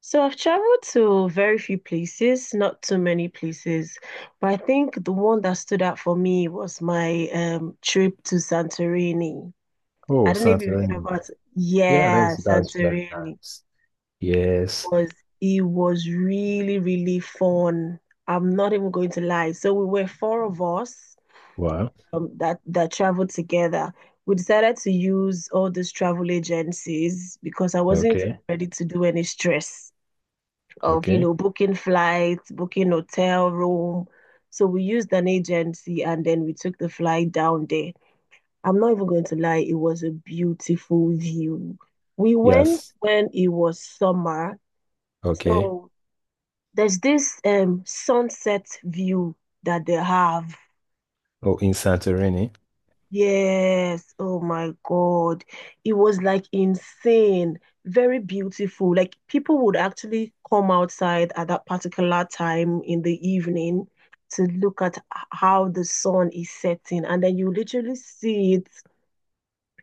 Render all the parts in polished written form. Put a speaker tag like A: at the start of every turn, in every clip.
A: So I've traveled to very few places, not too many places, but I think the one that stood out for me was my trip to Santorini. I
B: Oh,
A: don't know if you've heard
B: Santorini.
A: about,
B: Yeah,
A: yeah,
B: that's very
A: Santorini
B: nice. Yes.
A: was it was really, really fun. I'm not even going to lie. So we were four of us
B: Wow.
A: that traveled together. We decided to use all these travel agencies because I wasn't
B: Okay.
A: ready to do any stress of, you
B: Okay.
A: know, booking flights, booking hotel room. So we used an agency and then we took the flight down there. I'm not even going to lie, it was a beautiful view. We went
B: Yes.
A: when it was summer.
B: Okay.
A: So there's this sunset view that they have.
B: Oh, in Santorini,
A: Yes, oh my God. It was like insane, very beautiful. Like people would actually come outside at that particular time in the evening to look at how the sun is setting, and then you literally see it,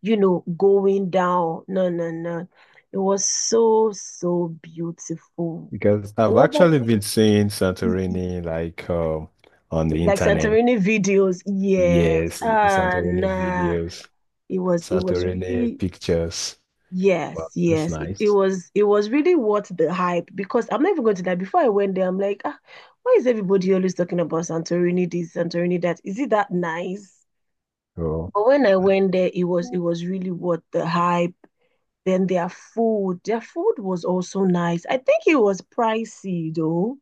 A: you know, going down. No, no, no. It was so, so beautiful.
B: because I've
A: Another
B: actually been
A: thing,
B: seeing
A: e- e-
B: Santorini like on the
A: like
B: internet.
A: Santorini videos, yes.
B: Yes,
A: Ah,
B: Santorini
A: nah
B: videos,
A: it was
B: Santorini
A: really.
B: pictures.
A: Yes,
B: Wow, that's
A: yes. It
B: nice.
A: was it was really worth the hype because I'm not even going to lie. Before I went there, I'm like, ah, why is everybody always talking about Santorini this, Santorini that? Is it that nice?
B: Oh,
A: But when I went there, it was really worth the hype. Then their food was also nice. I think it was pricey though.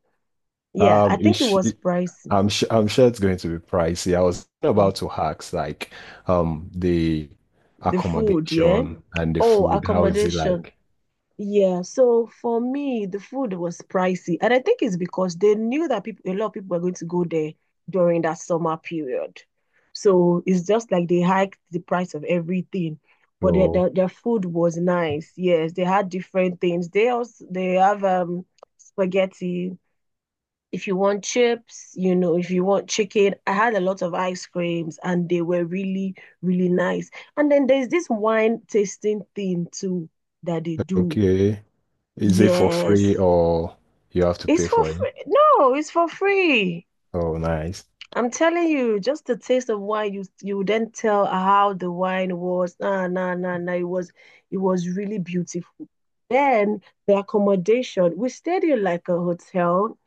A: Yeah, I
B: um, is.
A: think it
B: sh-
A: was pricey.
B: I'm sure it's going to be pricey. I was
A: Yeah.
B: about to ask like the
A: The food, yeah.
B: accommodation and the
A: Oh,
B: food. How is it
A: accommodation.
B: like?
A: Yeah, so for me, the food was pricey, and I think it's because they knew that people, a lot of people were going to go there during that summer period. So it's just like they hiked the price of everything, but their
B: Oh,
A: their, their food was nice. Yes, they had different things. They have spaghetti. If you want chips, you know, if you want chicken, I had a lot of ice creams, and they were really, really nice. And then there's this wine tasting thing too that they do.
B: okay. Is it for free
A: Yes,
B: or you have to
A: it's
B: pay
A: for
B: for it?
A: free. No, it's for free.
B: Oh, nice.
A: I'm telling you, just the taste of wine, you then tell how the wine was. Nah, nah, nah, nah. It was really beautiful. Then the accommodation, we stayed in like a hotel.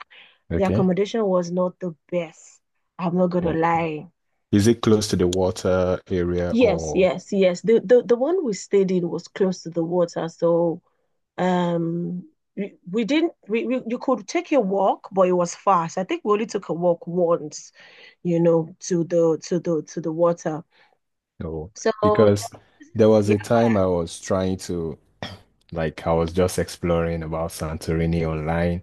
A: The
B: Okay.
A: accommodation was not the best. I'm not gonna
B: Oh.
A: lie.
B: Is it close to the water area
A: Yes,
B: or
A: yes, yes. The one we stayed in was close to the water, so Um, we didn't we you could take a walk, but it was fast. I think we only took a walk once, you know, to the water.
B: no?
A: So
B: Because there was
A: yeah,
B: a time I was trying to, like I was just exploring about Santorini online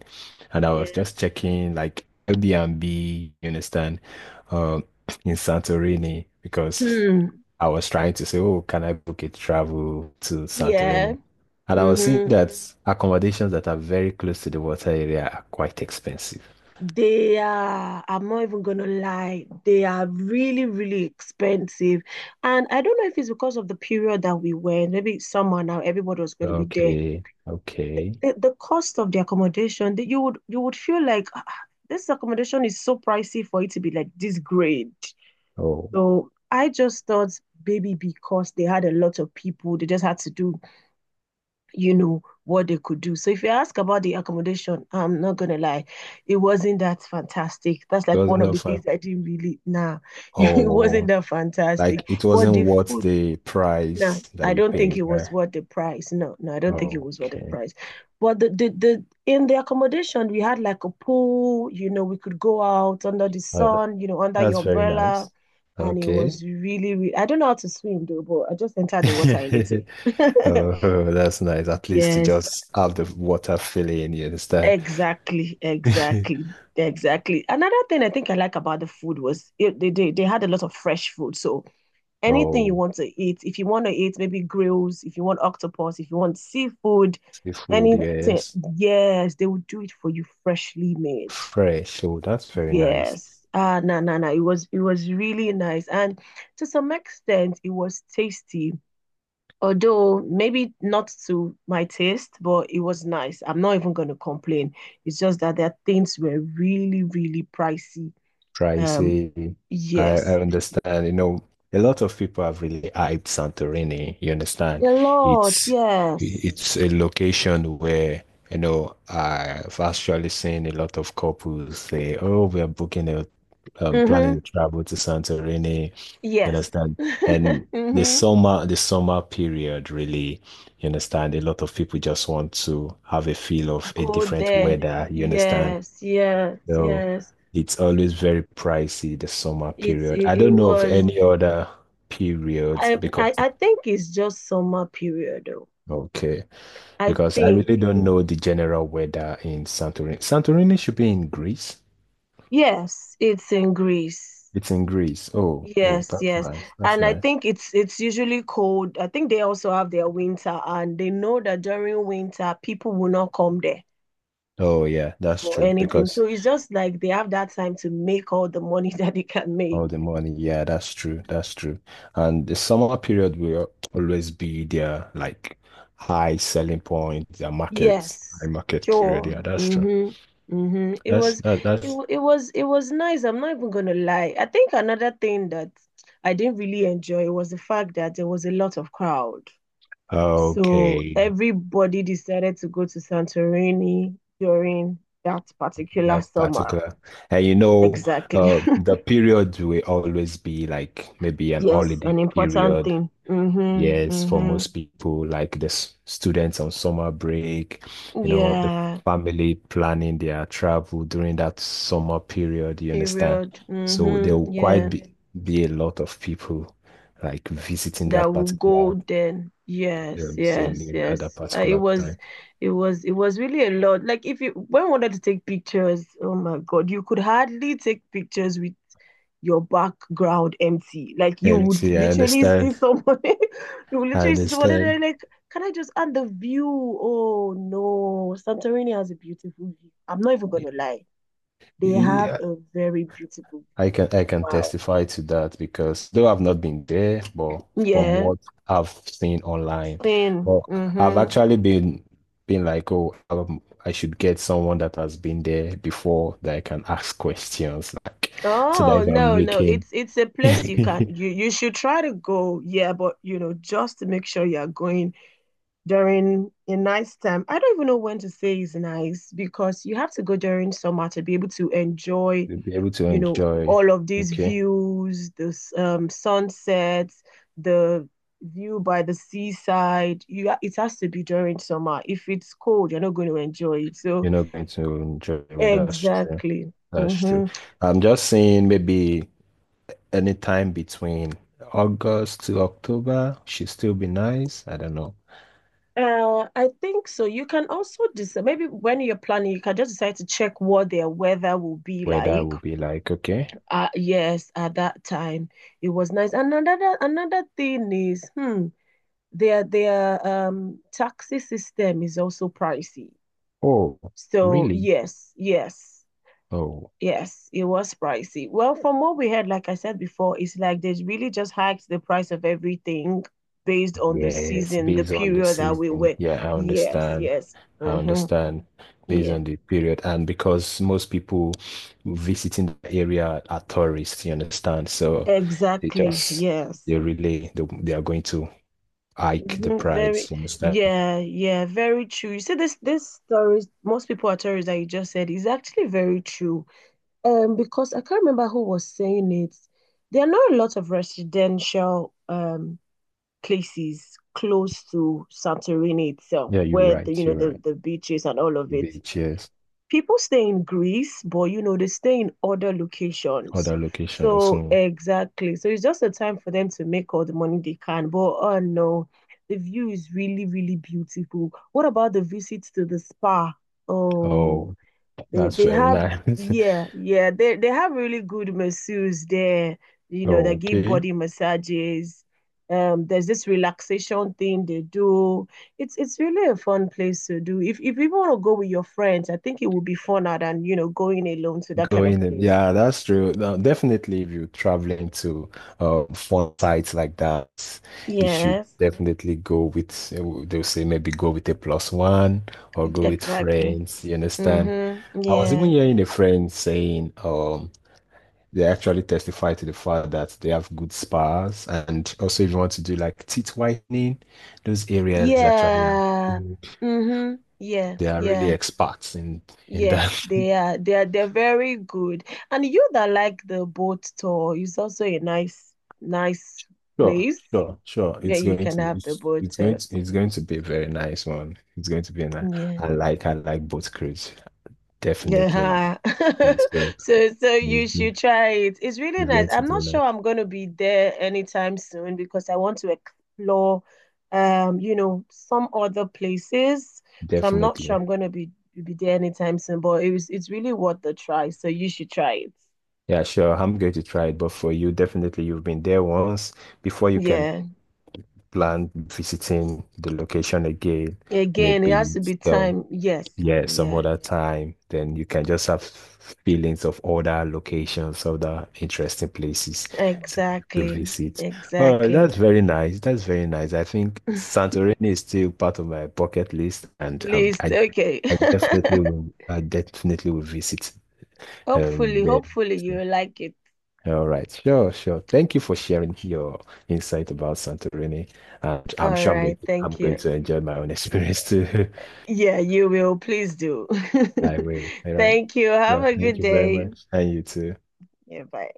B: and I was
A: yeah.
B: just checking like Airbnb, you understand, um, in Santorini because
A: Hmm.
B: I was trying to say, oh, can I book a travel to
A: Yeah.
B: Santorini? And I was seeing
A: Mm-hmm.
B: that accommodations that are very close to the water area are quite expensive.
A: They are, I'm not even gonna lie, they are really, really expensive. And I don't know if it's because of the period that we went, maybe summer now, everybody was gonna be there.
B: Okay, okay.
A: The cost of the accommodation that you would feel like, "Ah, ah, this accommodation is so pricey for it to be like this great."
B: Oh,
A: So I just thought maybe because they had a lot of people, they just had to do, you know, what they could do. So if you ask about the accommodation, I'm not gonna lie, it wasn't that fantastic. That's
B: it
A: like one
B: wasn't
A: of
B: that
A: the
B: fun.
A: things I didn't really nah, it wasn't
B: Oh,
A: that
B: like
A: fantastic.
B: it
A: But
B: wasn't
A: the
B: worth
A: food,
B: the
A: no,
B: price that
A: I
B: you
A: don't think
B: paid,
A: it was
B: right?
A: worth the price. No, no, I don't think it was worth the
B: Okay.
A: price. But the in the accommodation we had like a pool, you know, we could go out under the
B: Uh,
A: sun, you know, under
B: that's
A: your
B: very
A: umbrella.
B: nice.
A: And it
B: Okay.
A: was really, really, I don't know how to swim though, but I just entered the water a little.
B: Oh, that's nice. At least to
A: Yes,
B: just have the water filling, you understand?
A: exactly, exactly, exactly. Another thing I think I like about the food was it, they had a lot of fresh food. So anything you
B: Oh,
A: want to eat. If you want to eat maybe grills, if you want octopus, if you want seafood,
B: seafood,
A: anything.
B: yes.
A: Yes, they will do it for you freshly made.
B: Fresh. Oh, that's very nice.
A: Yes. Ah, no, no, no. It was really nice. And to some extent, it was tasty. Although maybe not to my taste, but it was nice. I'm not even going to complain. It's just that their things were really, really pricey. Um,
B: Pricey. I,
A: yes,
B: I understand. You know, a lot of people have really hyped Santorini. You understand?
A: a lot.
B: It's
A: Yes.
B: it's a location where, you know, I've actually seen a lot of couples say, "Oh, we are booking a planning to
A: Mm-hmm.
B: travel to Santorini, you
A: Yes.
B: understand?" And
A: Mm-hmm.
B: the summer period really, you understand? A lot of people just want to have a feel of a
A: Go
B: different
A: there.
B: weather, you understand?
A: Yes, yes,
B: So
A: yes.
B: it's always very pricey, the summer
A: It's
B: period.
A: it,
B: I
A: it
B: don't know of
A: was
B: any other periods
A: I, I
B: because
A: I think it's just summer period though.
B: okay,
A: I
B: because I
A: think
B: really don't know the general weather in Santorini. Santorini should be in Greece.
A: yes, it's in Greece.
B: It's in Greece. Oh, oh,
A: Yes,
B: that's
A: yes.
B: nice. That's
A: And I
B: nice.
A: think it's usually cold. I think they also have their winter and they know that during winter people will not come there
B: Oh yeah, that's
A: for
B: true.
A: anything. So
B: Because
A: it's just like they have that time to make all the money that they can make.
B: all the money. Yeah, that's true. That's true. And the summer period will always be their like high selling point, their markets,
A: Yes,
B: high market period.
A: sure.
B: Yeah, that's true.
A: Mm-hmm. Mm-hmm. It
B: That's
A: was
B: that Yeah.
A: it,
B: that's
A: wa- it was nice. I'm not even gonna lie. I think another thing that I didn't really enjoy was the fact that there was a lot of crowd. So
B: okay.
A: everybody decided to go to Santorini during that particular
B: That
A: summer.
B: particular. And you know,
A: Exactly.
B: the period will always be like maybe an
A: Yes,
B: holiday
A: an important
B: period.
A: thing. Mm-hmm.
B: Yes, for
A: Mm-hmm.
B: most people, like the s- students on summer break, you know, the
A: Yeah.
B: family planning their travel during that summer period, you understand?
A: Period.
B: So there
A: Mm-hmm.
B: will quite
A: Yeah.
B: be a lot of people like visiting
A: That
B: that
A: will
B: particular
A: go then. Yes, yes,
B: venue at that
A: yes.
B: particular time.
A: It was really a lot. Like if you when we wanted to take pictures, oh my God, you could hardly take pictures with your background empty. Like you
B: And
A: would
B: see, I
A: literally see
B: understand.
A: somebody, you would
B: I
A: literally see somebody and they're
B: understand.
A: like, can I just add the view? Oh no, Santorini has a beautiful view. I'm not even gonna lie. They have a very beautiful
B: I
A: view.
B: can I can
A: Wow.
B: testify to that because though I've not been there, but from
A: Yeah.
B: what I've seen online,
A: Sin.
B: but I've
A: Mm-hmm.
B: actually been like, oh, I should get someone that has been there before that I can ask questions, like so that
A: Oh,
B: if I'm
A: no, no.
B: making,
A: It's a place you
B: you'll
A: can you you should try to go. Yeah, but you know, just to make sure you're going during a nice time. I don't even know when to say is nice because you have to go during summer to be able to enjoy,
B: be able to
A: you know,
B: enjoy.
A: all of these
B: Okay,
A: views, this sunsets, the view by the seaside. It has to be during summer. If it's cold, you're not going to enjoy it. So
B: you're not going to enjoy. Well, that's true.
A: exactly.
B: That's true.
A: Mm-hmm.
B: I'm just saying maybe anytime between August to October should still be nice. I don't know
A: I think so. You can also decide, maybe when you're planning, you can just decide to check what their weather will be
B: whether I
A: like.
B: will be like, okay,
A: Yes, at that time it was nice. And another thing is, hmm, their taxi system is also pricey.
B: oh,
A: So
B: really?
A: yes, yes,
B: Oh,
A: yes, it was pricey. Well, from what we heard, like I said before, it's like they really just hiked the price of everything based on the
B: yes,
A: season, the
B: based on the
A: period that we
B: season.
A: were.
B: Yeah, I
A: Yes,
B: understand.
A: yes.
B: I
A: Hmm.
B: understand. Based
A: Yeah.
B: on the period, and because most people visiting the area are tourists, you understand? So they
A: Exactly.
B: just
A: Yes.
B: they really they are going to hike the
A: Mhm. Very,
B: price, you understand?
A: yeah, yeah, very true. You see, this stories, most people are stories that you just said is actually very true. Because I can't remember who was saying it. There are not a lot of residential places close to Santorini itself,
B: Yeah, you're
A: where the you
B: right.
A: know
B: You're right.
A: the beaches and all of it.
B: Beaches,
A: People stay in Greece, but you know, they stay in other locations.
B: other locations.
A: So
B: Mm.
A: exactly. So it's just a time for them to make all the money they can. But oh no, the view is really, really beautiful. What about the visits to the spa? Oh.
B: Oh, that's
A: They
B: very
A: have
B: nice.
A: yeah, yeah. They have really good masseurs there, you know, that give
B: Okay,
A: body massages. There's this relaxation thing they do. It's really a fun place to do. If you want to go with your friends, I think it would be funner than, you know, going alone to that kind of
B: going in.
A: place.
B: Yeah, that's true. Now, definitely, if you're traveling to fun sites like that, you should
A: Yes,
B: definitely go with, they'll say maybe go with a plus one or go with
A: exactly.
B: friends. You understand?
A: Mm-hmm.
B: I was even
A: Yeah.
B: hearing a friend saying, they actually testify to the fact that they have good spas, and also if you want to do like teeth whitening, those areas actually
A: Yeah.
B: have.
A: Mm-hmm. Yeah.
B: They are really
A: Yeah.
B: experts in
A: Yes,
B: that.
A: they're very good. And you that like the boat tour is also a nice
B: Sure,
A: place
B: sure, sure.
A: where you can have the boat tour.
B: It's going to be a very nice one. It's going to be a nice.
A: Yeah.
B: I like boat cruise. Definitely like
A: Yeah.
B: cruise. So
A: So so
B: it's
A: you
B: going it's
A: should try it. It's really nice.
B: going to
A: I'm
B: be
A: not sure
B: nice.
A: I'm going to be there anytime soon because I want to explore you know, some other places. So I'm not sure
B: Definitely.
A: I'm going to be there anytime soon, but it's really worth the try. So you should try it.
B: Yeah, sure. I'm going to try it. But for you, definitely you've been there once. Before you can
A: Yeah.
B: plan visiting the location again,
A: Again, it
B: maybe
A: has to be
B: some
A: time. Yes.
B: yeah, some
A: Yeah.
B: other time, then you can just have feelings of other locations, other interesting places to, to
A: Exactly.
B: visit. All right,
A: Exactly.
B: that's very nice. That's very nice. I think Santorini is still part of my bucket list, and
A: List. Okay.
B: I definitely will, I definitely will visit
A: Hopefully,
B: there.
A: hopefully
B: So,
A: you like it.
B: all right, sure, sure. Thank you for sharing your insight about Santorini, and I'm
A: All
B: sure I'm going,
A: right.
B: I'm
A: Thank
B: going
A: you.
B: to enjoy my own experience too.
A: Yeah, you will. Please do.
B: I will. All right.
A: Thank you. Have
B: Yeah,
A: a
B: thank
A: good
B: you very
A: day.
B: much. And you too.
A: Yeah, bye.